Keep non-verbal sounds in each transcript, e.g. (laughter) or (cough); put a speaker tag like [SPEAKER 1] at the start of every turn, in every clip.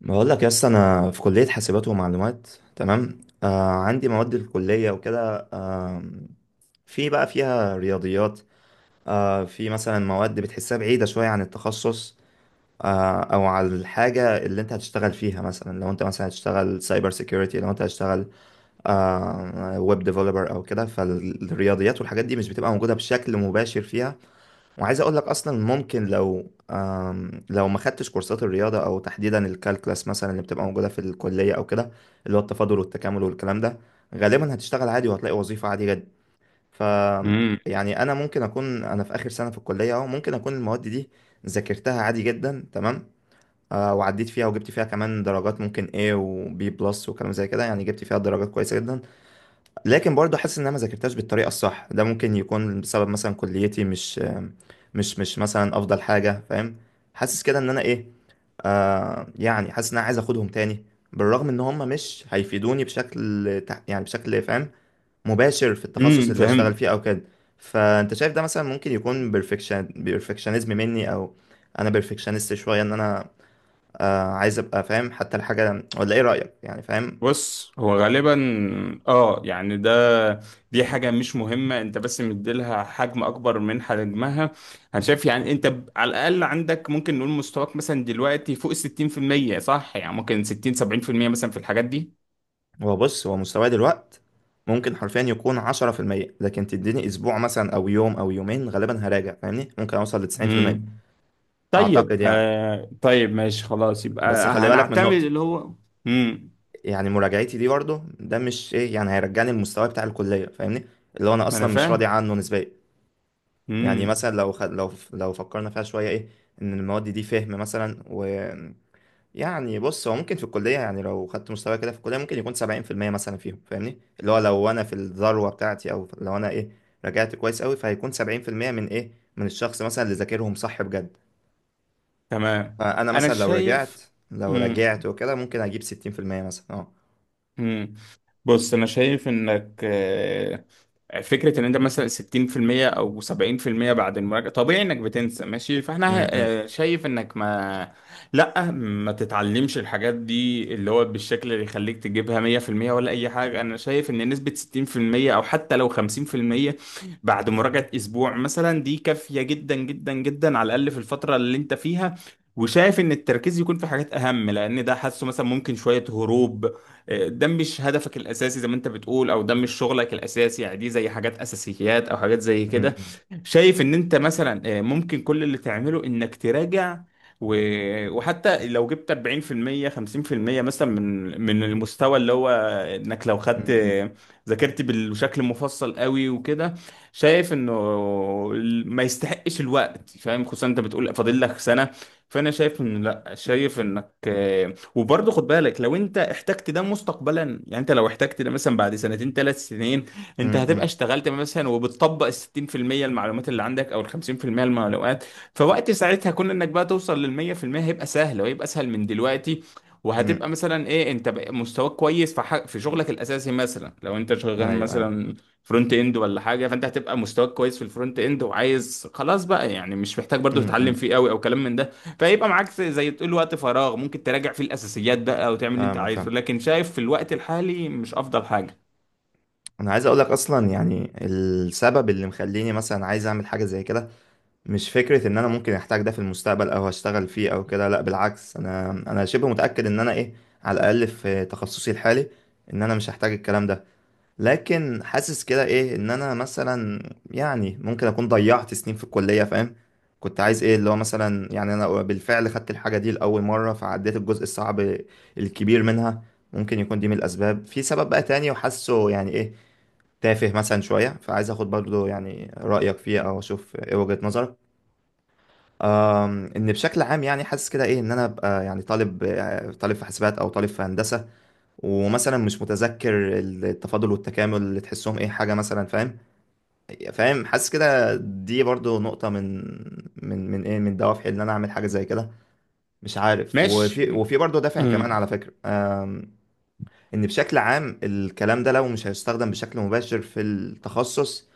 [SPEAKER 1] بقول لك يس، انا في كليه حاسبات ومعلومات. تمام. عندي مواد الكليه وكده. في بقى فيها رياضيات. في مثلا مواد بتحسها بعيده شويه عن التخصص، او على الحاجه اللي انت هتشتغل فيها. مثلا لو انت مثلا هتشتغل سايبر سيكيورتي، لو انت هتشتغل ويب ديفلوبر او كده، فالرياضيات والحاجات دي مش بتبقى موجوده بشكل مباشر فيها. وعايز اقول لك اصلا ممكن، لو ما خدتش كورسات الرياضه او تحديدا الكالكلاس مثلا اللي بتبقى موجوده في الكليه او كده، اللي هو التفاضل والتكامل والكلام ده، غالبا هتشتغل عادي وهتلاقي وظيفه عادي جدا. ف
[SPEAKER 2] امم
[SPEAKER 1] يعني انا ممكن اكون انا في اخر سنه في الكليه اهو، ممكن اكون المواد دي ذاكرتها عادي جدا، تمام، وعديت فيها وجبت فيها كمان درجات، ممكن A و B بلس وكلام زي كده، يعني جبت فيها درجات كويسه جدا. لكن برضه حاسس ان انا ما ذاكرتهاش بالطريقه الصح. ده ممكن يكون بسبب مثلا كليتي مش مثلا افضل حاجه، فاهم؟ حاسس كده ان انا ايه، يعني حاسس ان انا عايز اخدهم تاني، بالرغم ان هم مش هيفيدوني يعني بشكل فاهم، مباشر في التخصص اللي هشتغل
[SPEAKER 2] فهمت.
[SPEAKER 1] فيه او كده. فانت شايف ده مثلا ممكن يكون بيرفكشنزم مني، او انا بيرفكشنست شويه ان انا، عايز ابقى فاهم حتى الحاجه، ولا ايه رايك يعني؟ فاهم؟
[SPEAKER 2] بص، هو غالبا اه يعني دي حاجه مش مهمه، انت بس مديلها حجم اكبر من حجمها. انا شايف يعني انت على الاقل عندك، ممكن نقول مستواك مثلا دلوقتي فوق ال 60%، صح؟ يعني ممكن 60 70% مثلا في الحاجات دي.
[SPEAKER 1] هو، بص، هو مستواه دلوقت ممكن حرفيا يكون 10%، لكن تديني أسبوع مثلا أو يوم أو يومين غالبا هراجع، فاهمني؟ ممكن أوصل ل90%.
[SPEAKER 2] امم طيب،
[SPEAKER 1] أعتقد يعني.
[SPEAKER 2] طيب، ماشي خلاص،
[SPEAKER 1] بس
[SPEAKER 2] يبقى
[SPEAKER 1] خلي بالك من
[SPEAKER 2] هنعتمد
[SPEAKER 1] نقطة،
[SPEAKER 2] اللي هو امم
[SPEAKER 1] يعني مراجعتي دي برضه ده مش إيه، يعني هيرجعني المستوى بتاع الكلية، فاهمني؟ اللي هو أنا
[SPEAKER 2] ما انا
[SPEAKER 1] أصلا مش راضي
[SPEAKER 2] فاهم.
[SPEAKER 1] عنه نسبيا. يعني
[SPEAKER 2] امم
[SPEAKER 1] مثلا لو خ... لو لو فكرنا فيها شوية، إيه، إن المواد دي فهم مثلا. يعني، بص، هو ممكن في الكلية، يعني لو خدت مستوى كده في الكلية ممكن يكون 70% مثلا فيهم، فاهمني؟ اللي هو لو أنا في الذروة بتاعتي، أو لو أنا إيه رجعت كويس أوي، فهيكون 70% من إيه، من الشخص مثلا اللي ذاكرهم صح بجد.
[SPEAKER 2] تمام،
[SPEAKER 1] فأنا
[SPEAKER 2] انا
[SPEAKER 1] مثلا لو رجعت
[SPEAKER 2] شايف.
[SPEAKER 1] لو
[SPEAKER 2] امم
[SPEAKER 1] رجعت وكده ممكن أجيب 60% مثلا، أه.
[SPEAKER 2] بص، انا شايف انك فكره ان انت مثلا 60% او 70% بعد المراجعه طبيعي انك بتنسى، ماشي.
[SPEAKER 1] م-
[SPEAKER 2] فاحنا
[SPEAKER 1] م-
[SPEAKER 2] شايف انك ما تتعلمش الحاجات دي اللي هو بالشكل اللي يخليك تجيبها 100% ولا اي حاجه. انا شايف ان نسبه 60% او حتى لو 50% بعد مراجعه اسبوع مثلا دي كافيه جدا جدا جدا، على الاقل في الفتره اللي انت فيها. وشايف ان التركيز يكون في حاجات اهم، لان ده حاسه مثلا ممكن شويه هروب، ده مش هدفك الاساسي زي ما انت بتقول، او ده مش شغلك الاساسي، يعني دي زي حاجات اساسيات او حاجات زي كده.
[SPEAKER 1] م-
[SPEAKER 2] شايف ان انت مثلا ممكن كل اللي تعمله انك تراجع و... وحتى لو جبت 40% 50% مثلا من المستوى اللي هو انك لو
[SPEAKER 1] م-
[SPEAKER 2] ذاكرت بشكل مفصل قوي وكده، شايف انه ما يستحقش الوقت، فاهم؟ خصوصا انت بتقول فاضل لك سنة. فانا شايف ان، لا، شايف انك. وبرضه خد بالك لو انت احتجت ده مستقبلا، يعني انت لو احتجت ده مثلا بعد سنتين 3 سنين،
[SPEAKER 1] م-
[SPEAKER 2] انت
[SPEAKER 1] م-
[SPEAKER 2] هتبقى
[SPEAKER 1] م-
[SPEAKER 2] اشتغلت مثلا وبتطبق ال 60% المعلومات اللي عندك او ال 50% المعلومات. فوقت ساعتها، كون انك بقى توصل لل 100%، هيبقى سهل وهيبقى اسهل من دلوقتي.
[SPEAKER 1] م-
[SPEAKER 2] وهتبقى مثلا ايه، انت بقى مستواك كويس في حق في شغلك الاساسي، مثلا لو انت
[SPEAKER 1] أيوه
[SPEAKER 2] شغال
[SPEAKER 1] أيوه.
[SPEAKER 2] مثلا فرونت اند ولا حاجه، فانت هتبقى مستواك كويس في الفرونت اند وعايز خلاص بقى، يعني مش محتاج
[SPEAKER 1] م-
[SPEAKER 2] برضو تتعلم
[SPEAKER 1] م.
[SPEAKER 2] فيه قوي او كلام من ده. فيبقى معاك زي تقول وقت فراغ، ممكن تراجع فيه الاساسيات بقى وتعمل اللي انت
[SPEAKER 1] فاهمك،
[SPEAKER 2] عايزه،
[SPEAKER 1] فاهم.
[SPEAKER 2] لكن شايف في الوقت الحالي مش افضل حاجه.
[SPEAKER 1] أنا عايز أقولك أصلا يعني السبب اللي مخليني مثلا عايز أعمل حاجة زي كده مش فكرة ان انا ممكن احتاج ده في المستقبل او هشتغل فيه او كده. لا، بالعكس، انا شبه متأكد ان انا ايه، على الاقل في تخصصي الحالي، ان انا مش هحتاج الكلام ده. لكن حاسس كده ايه، ان انا مثلا يعني ممكن اكون ضيعت سنين في الكلية، فاهم؟ كنت عايز ايه اللي هو مثلا، يعني انا بالفعل خدت الحاجة دي لأول مرة فعديت الجزء الصعب الكبير منها. ممكن يكون دي من الاسباب. في سبب بقى تاني وحاسه يعني ايه، تافه مثلا شوية، فعايز اخد برضو يعني رأيك فيه، او اشوف ايه وجهة نظرك. ان بشكل عام يعني حاسس كده ايه، ان انا ابقى يعني طالب، طالب في حاسبات او طالب في هندسه، ومثلا مش متذكر التفاضل والتكامل اللي تحسهم ايه حاجه مثلا، فاهم؟ فاهم، حاسس كده دي برضو نقطه من دوافعي ان انا اعمل حاجه زي كده، مش عارف.
[SPEAKER 2] ماشي.
[SPEAKER 1] وفي برضو دافع
[SPEAKER 2] مم.
[SPEAKER 1] كمان على فكره. ان بشكل عام الكلام ده لو مش هيستخدم بشكل مباشر في التخصص،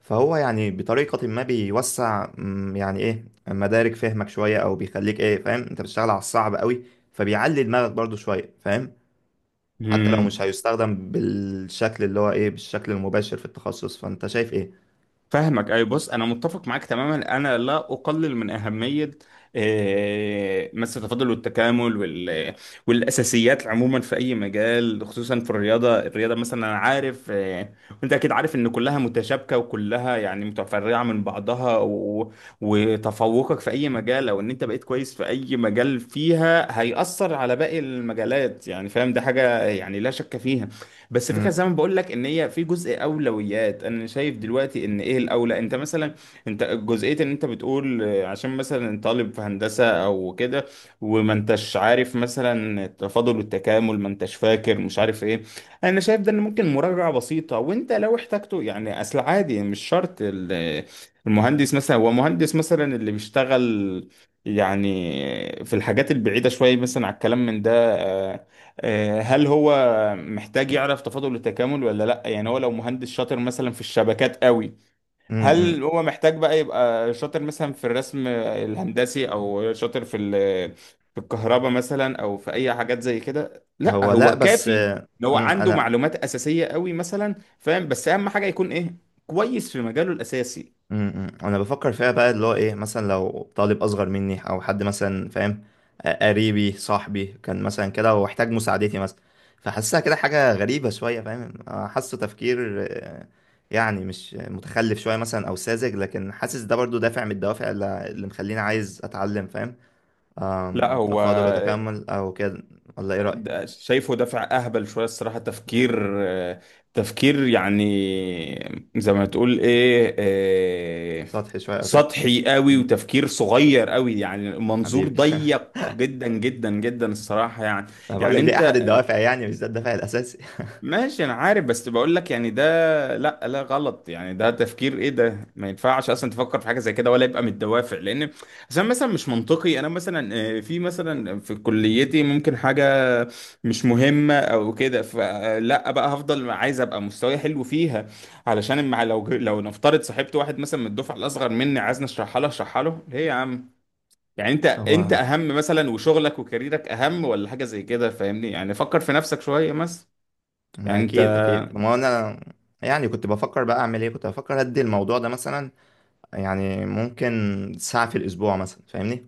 [SPEAKER 1] فهو يعني بطريقة ما بيوسع، يعني ايه، مدارك فهمك شوية، او بيخليك ايه فاهم انت بتشتغل على الصعب قوي، فبيعلي دماغك برضو شوية، فاهم؟ حتى لو مش
[SPEAKER 2] مم.
[SPEAKER 1] هيستخدم بالشكل اللي هو ايه، بالشكل المباشر في التخصص، فانت شايف ايه؟
[SPEAKER 2] فاهمك. اي، بص، انا متفق معاك تماما، انا لا اقلل من اهميه مس التفاضل والتكامل والاساسيات عموما في اي مجال، خصوصا في الرياضه مثلا، انا عارف. وانت اكيد عارف ان كلها متشابكه وكلها يعني متفرعه من بعضها وتفوقك في اي مجال او ان انت بقيت كويس في اي مجال فيها هيأثر على باقي المجالات، يعني فاهم، ده حاجه يعني لا شك فيها. بس فكرة
[SPEAKER 1] مم،
[SPEAKER 2] زي ما بقول لك ان هي في جزء اولويات، انا شايف دلوقتي ان ايه الاولى. انت مثلا، انت جزئية ان انت بتقول عشان مثلا طالب في هندسة او كده، وما انتش عارف مثلا التفاضل والتكامل، ما انتش فاكر، مش عارف ايه. انا شايف ده ان ممكن مراجعة بسيطة وانت لو احتاجته، يعني اصل عادي مش شرط المهندس، مثلا هو مهندس مثلا اللي بيشتغل يعني في الحاجات البعيدة شوية مثلا على الكلام من ده، آه، هل هو محتاج يعرف تفاضل التكامل ولا لا؟ يعني هو لو مهندس شاطر مثلا في الشبكات قوي،
[SPEAKER 1] مم، مم.
[SPEAKER 2] هل هو محتاج بقى يبقى شاطر مثلا في الرسم الهندسي او شاطر في في الكهرباء مثلا او في اي حاجات زي كده؟ لا،
[SPEAKER 1] هو لا،
[SPEAKER 2] هو
[SPEAKER 1] بس
[SPEAKER 2] كافي ان هو عنده
[SPEAKER 1] انا،
[SPEAKER 2] معلومات اساسية قوي مثلا، فاهم، بس اهم حاجة يكون ايه كويس في مجاله الاساسي.
[SPEAKER 1] انا بفكر فيها بقى اللي هو ايه، مثلا لو طالب اصغر مني او حد مثلا فاهم، قريبي، صاحبي، كان مثلا كده واحتاج مساعدتي مثلا. فحاسسها كده حاجة غريبة شوية، فاهم؟ حاسه تفكير، يعني مش متخلف شوية مثلا او ساذج. لكن حاسس ده برضو دافع من الدوافع اللي مخليني عايز اتعلم، فاهم؟
[SPEAKER 2] لا، هو
[SPEAKER 1] تفاضل وتكامل او كده، ولا ايه رأيك؟
[SPEAKER 2] ده شايفه دافع اهبل شويه الصراحه، تفكير آه، تفكير يعني زي ما تقول ايه،
[SPEAKER 1] سطحي شوية او كده.
[SPEAKER 2] سطحي قوي،
[SPEAKER 1] مم.
[SPEAKER 2] وتفكير صغير قوي، يعني منظور
[SPEAKER 1] حبيبي (laughs)
[SPEAKER 2] ضيق جدا جدا جدا الصراحه يعني.
[SPEAKER 1] انا بقول
[SPEAKER 2] يعني
[SPEAKER 1] لك دي احد
[SPEAKER 2] انت،
[SPEAKER 1] الدوافع، يعني مش ده الدافع الاساسي.
[SPEAKER 2] ماشي انا عارف، بس بقول لك يعني ده، لا، لا، غلط، يعني ده تفكير ايه، ده ما ينفعش اصلا تفكر في حاجه زي كده ولا يبقى من الدوافع. لان عشان مثلا مش منطقي، انا مثلا في مثلا كليتي ممكن حاجه مش مهمه او كده، فلا بقى هفضل عايز ابقى مستواي حلو فيها. علشان لو لو نفترض صاحبت واحد مثلا من الدفعه الاصغر مني عايزني اشرحها له، اشرحها له ليه يا عم؟ يعني انت
[SPEAKER 1] هو
[SPEAKER 2] اهم مثلا، وشغلك وكاريرك اهم ولا حاجه زي كده، فاهمني، يعني فكر في نفسك شويه مثلا.
[SPEAKER 1] ما
[SPEAKER 2] يعني انت
[SPEAKER 1] اكيد اكيد، ما هو انا، يعني كنت بفكر بقى اعمل ايه، كنت بفكر ادي الموضوع ده مثلا يعني ممكن ساعة في الاسبوع مثلا، فاهمني؟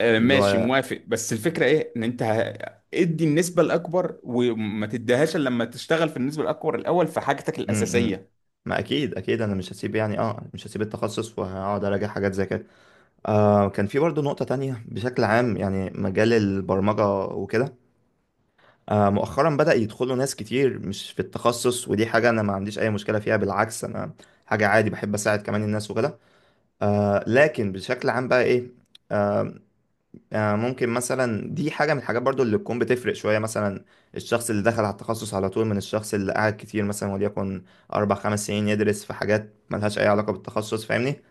[SPEAKER 1] اللي
[SPEAKER 2] ماشي،
[SPEAKER 1] هو
[SPEAKER 2] موافق، بس الفكرة ايه ان انت ادي النسبة الاكبر وما تديهاش إلا لما تشتغل في النسبة الاكبر الاول في حاجتك
[SPEAKER 1] امم، إمم.
[SPEAKER 2] الاساسية.
[SPEAKER 1] ما اكيد اكيد انا مش هسيب يعني، اه مش هسيب التخصص وهقعد اراجع حاجات زي كده. كان في برضه نقطة تانية بشكل عام، يعني مجال البرمجة وكده. مؤخرا بدأ يدخلوا ناس كتير مش في التخصص، ودي حاجة انا ما عنديش اي مشكلة فيها، بالعكس انا حاجة عادي بحب اساعد كمان الناس وكده. لكن بشكل عام بقى ايه، ممكن مثلا دي حاجة من الحاجات برضو اللي تكون بتفرق شوية مثلا، الشخص اللي دخل على التخصص على طول من الشخص اللي قعد كتير مثلا وليكن أربع خمس سنين يدرس في حاجات ملهاش أي علاقة بالتخصص، فاهمني؟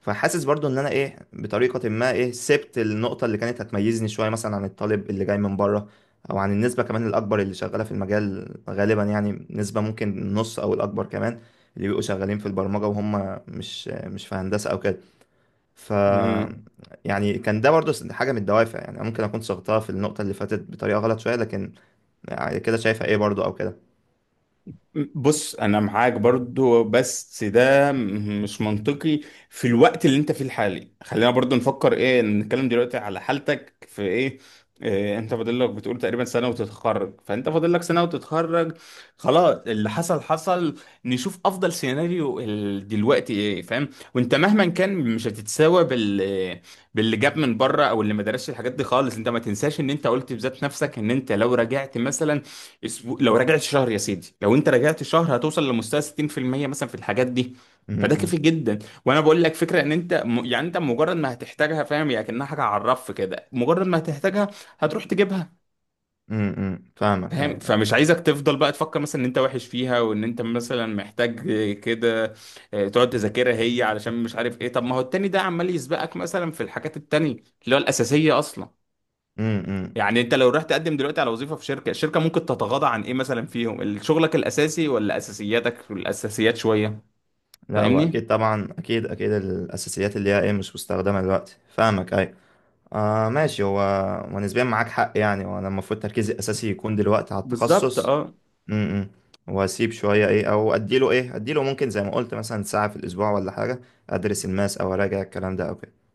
[SPEAKER 1] فحاسس برضو إن أنا إيه بطريقة ما، إيه، سبت النقطة اللي كانت هتميزني شوية مثلا عن الطالب اللي جاي من بره، أو عن النسبة كمان الأكبر اللي شغالة في المجال غالبا. يعني نسبة ممكن النص أو الأكبر كمان اللي بيبقوا شغالين في البرمجة وهم مش في هندسة أو كده. ف
[SPEAKER 2] امم
[SPEAKER 1] يعني كان ده برضو حاجة من الدوافع، يعني ممكن أكون صغتها في النقطة اللي فاتت بطريقة غلط شوية، لكن يعني كده شايفها إيه برضو أو كده.
[SPEAKER 2] بص، انا معاك برضو، بس ده مش منطقي. في الوقت اللي انت فيه الحالي، خلينا برضو نفكر ايه، نتكلم دلوقتي على حالتك في ايه. إيه، انت فاضل لك بتقول تقريبا سنة وتتخرج، فانت فاضل لك سنة وتتخرج، خلاص اللي حصل حصل. نشوف افضل سيناريو دلوقتي ايه، فاهم؟ وانت مهما كان مش هتتساوى باللي جاب من بره او اللي ما درسش الحاجات دي خالص. انت ما تنساش ان انت قلت بذات نفسك ان انت لو رجعت مثلا اسبوع، لو رجعت شهر، يا سيدي لو انت رجعت شهر هتوصل لمستوى 60% مثلا في الحاجات دي، فده
[SPEAKER 1] أمم،
[SPEAKER 2] كافي جدا. وانا بقول لك فكره ان يعني انت مجرد ما هتحتاجها، فاهم، يعني كانها حاجه على الرف كده، مجرد ما هتحتاجها هتروح تجيبها،
[SPEAKER 1] أمم، أمم، فاهمك،
[SPEAKER 2] فاهم؟
[SPEAKER 1] أيوة.
[SPEAKER 2] فمش عايزك تفضل بقى تفكر مثلا ان انت وحش فيها وان انت مثلا محتاج كده، اه، تقعد تذاكرها هي علشان مش عارف ايه، طب ما هو التاني ده عمال يسبقك مثلا في الحاجات التانية اللي هو الاساسيه اصلا.
[SPEAKER 1] أمم، أمم.
[SPEAKER 2] يعني انت لو رحت تقدم دلوقتي على وظيفة في شركة، الشركة ممكن تتغاضى عن ايه مثلا فيهم، شغلك الاساسي ولا اساسياتك الاساسيات شوية؟
[SPEAKER 1] لا، هو
[SPEAKER 2] فاهمني.
[SPEAKER 1] أكيد، طبعا أكيد أكيد الأساسيات اللي هي إيه مش مستخدمة دلوقتي، فاهمك، أيوة. ماشي. هو ونسبيا معاك حق يعني، وأنا المفروض تركيزي الأساسي يكون دلوقتي على
[SPEAKER 2] بالظبط،
[SPEAKER 1] التخصص.
[SPEAKER 2] اه.
[SPEAKER 1] أمم، أمم. وأسيب شوية إيه، أو أديله إيه، أديله ممكن زي ما قلت مثلا ساعة في الأسبوع ولا حاجة، أدرس الماس أو أراجع الكلام ده أو كده.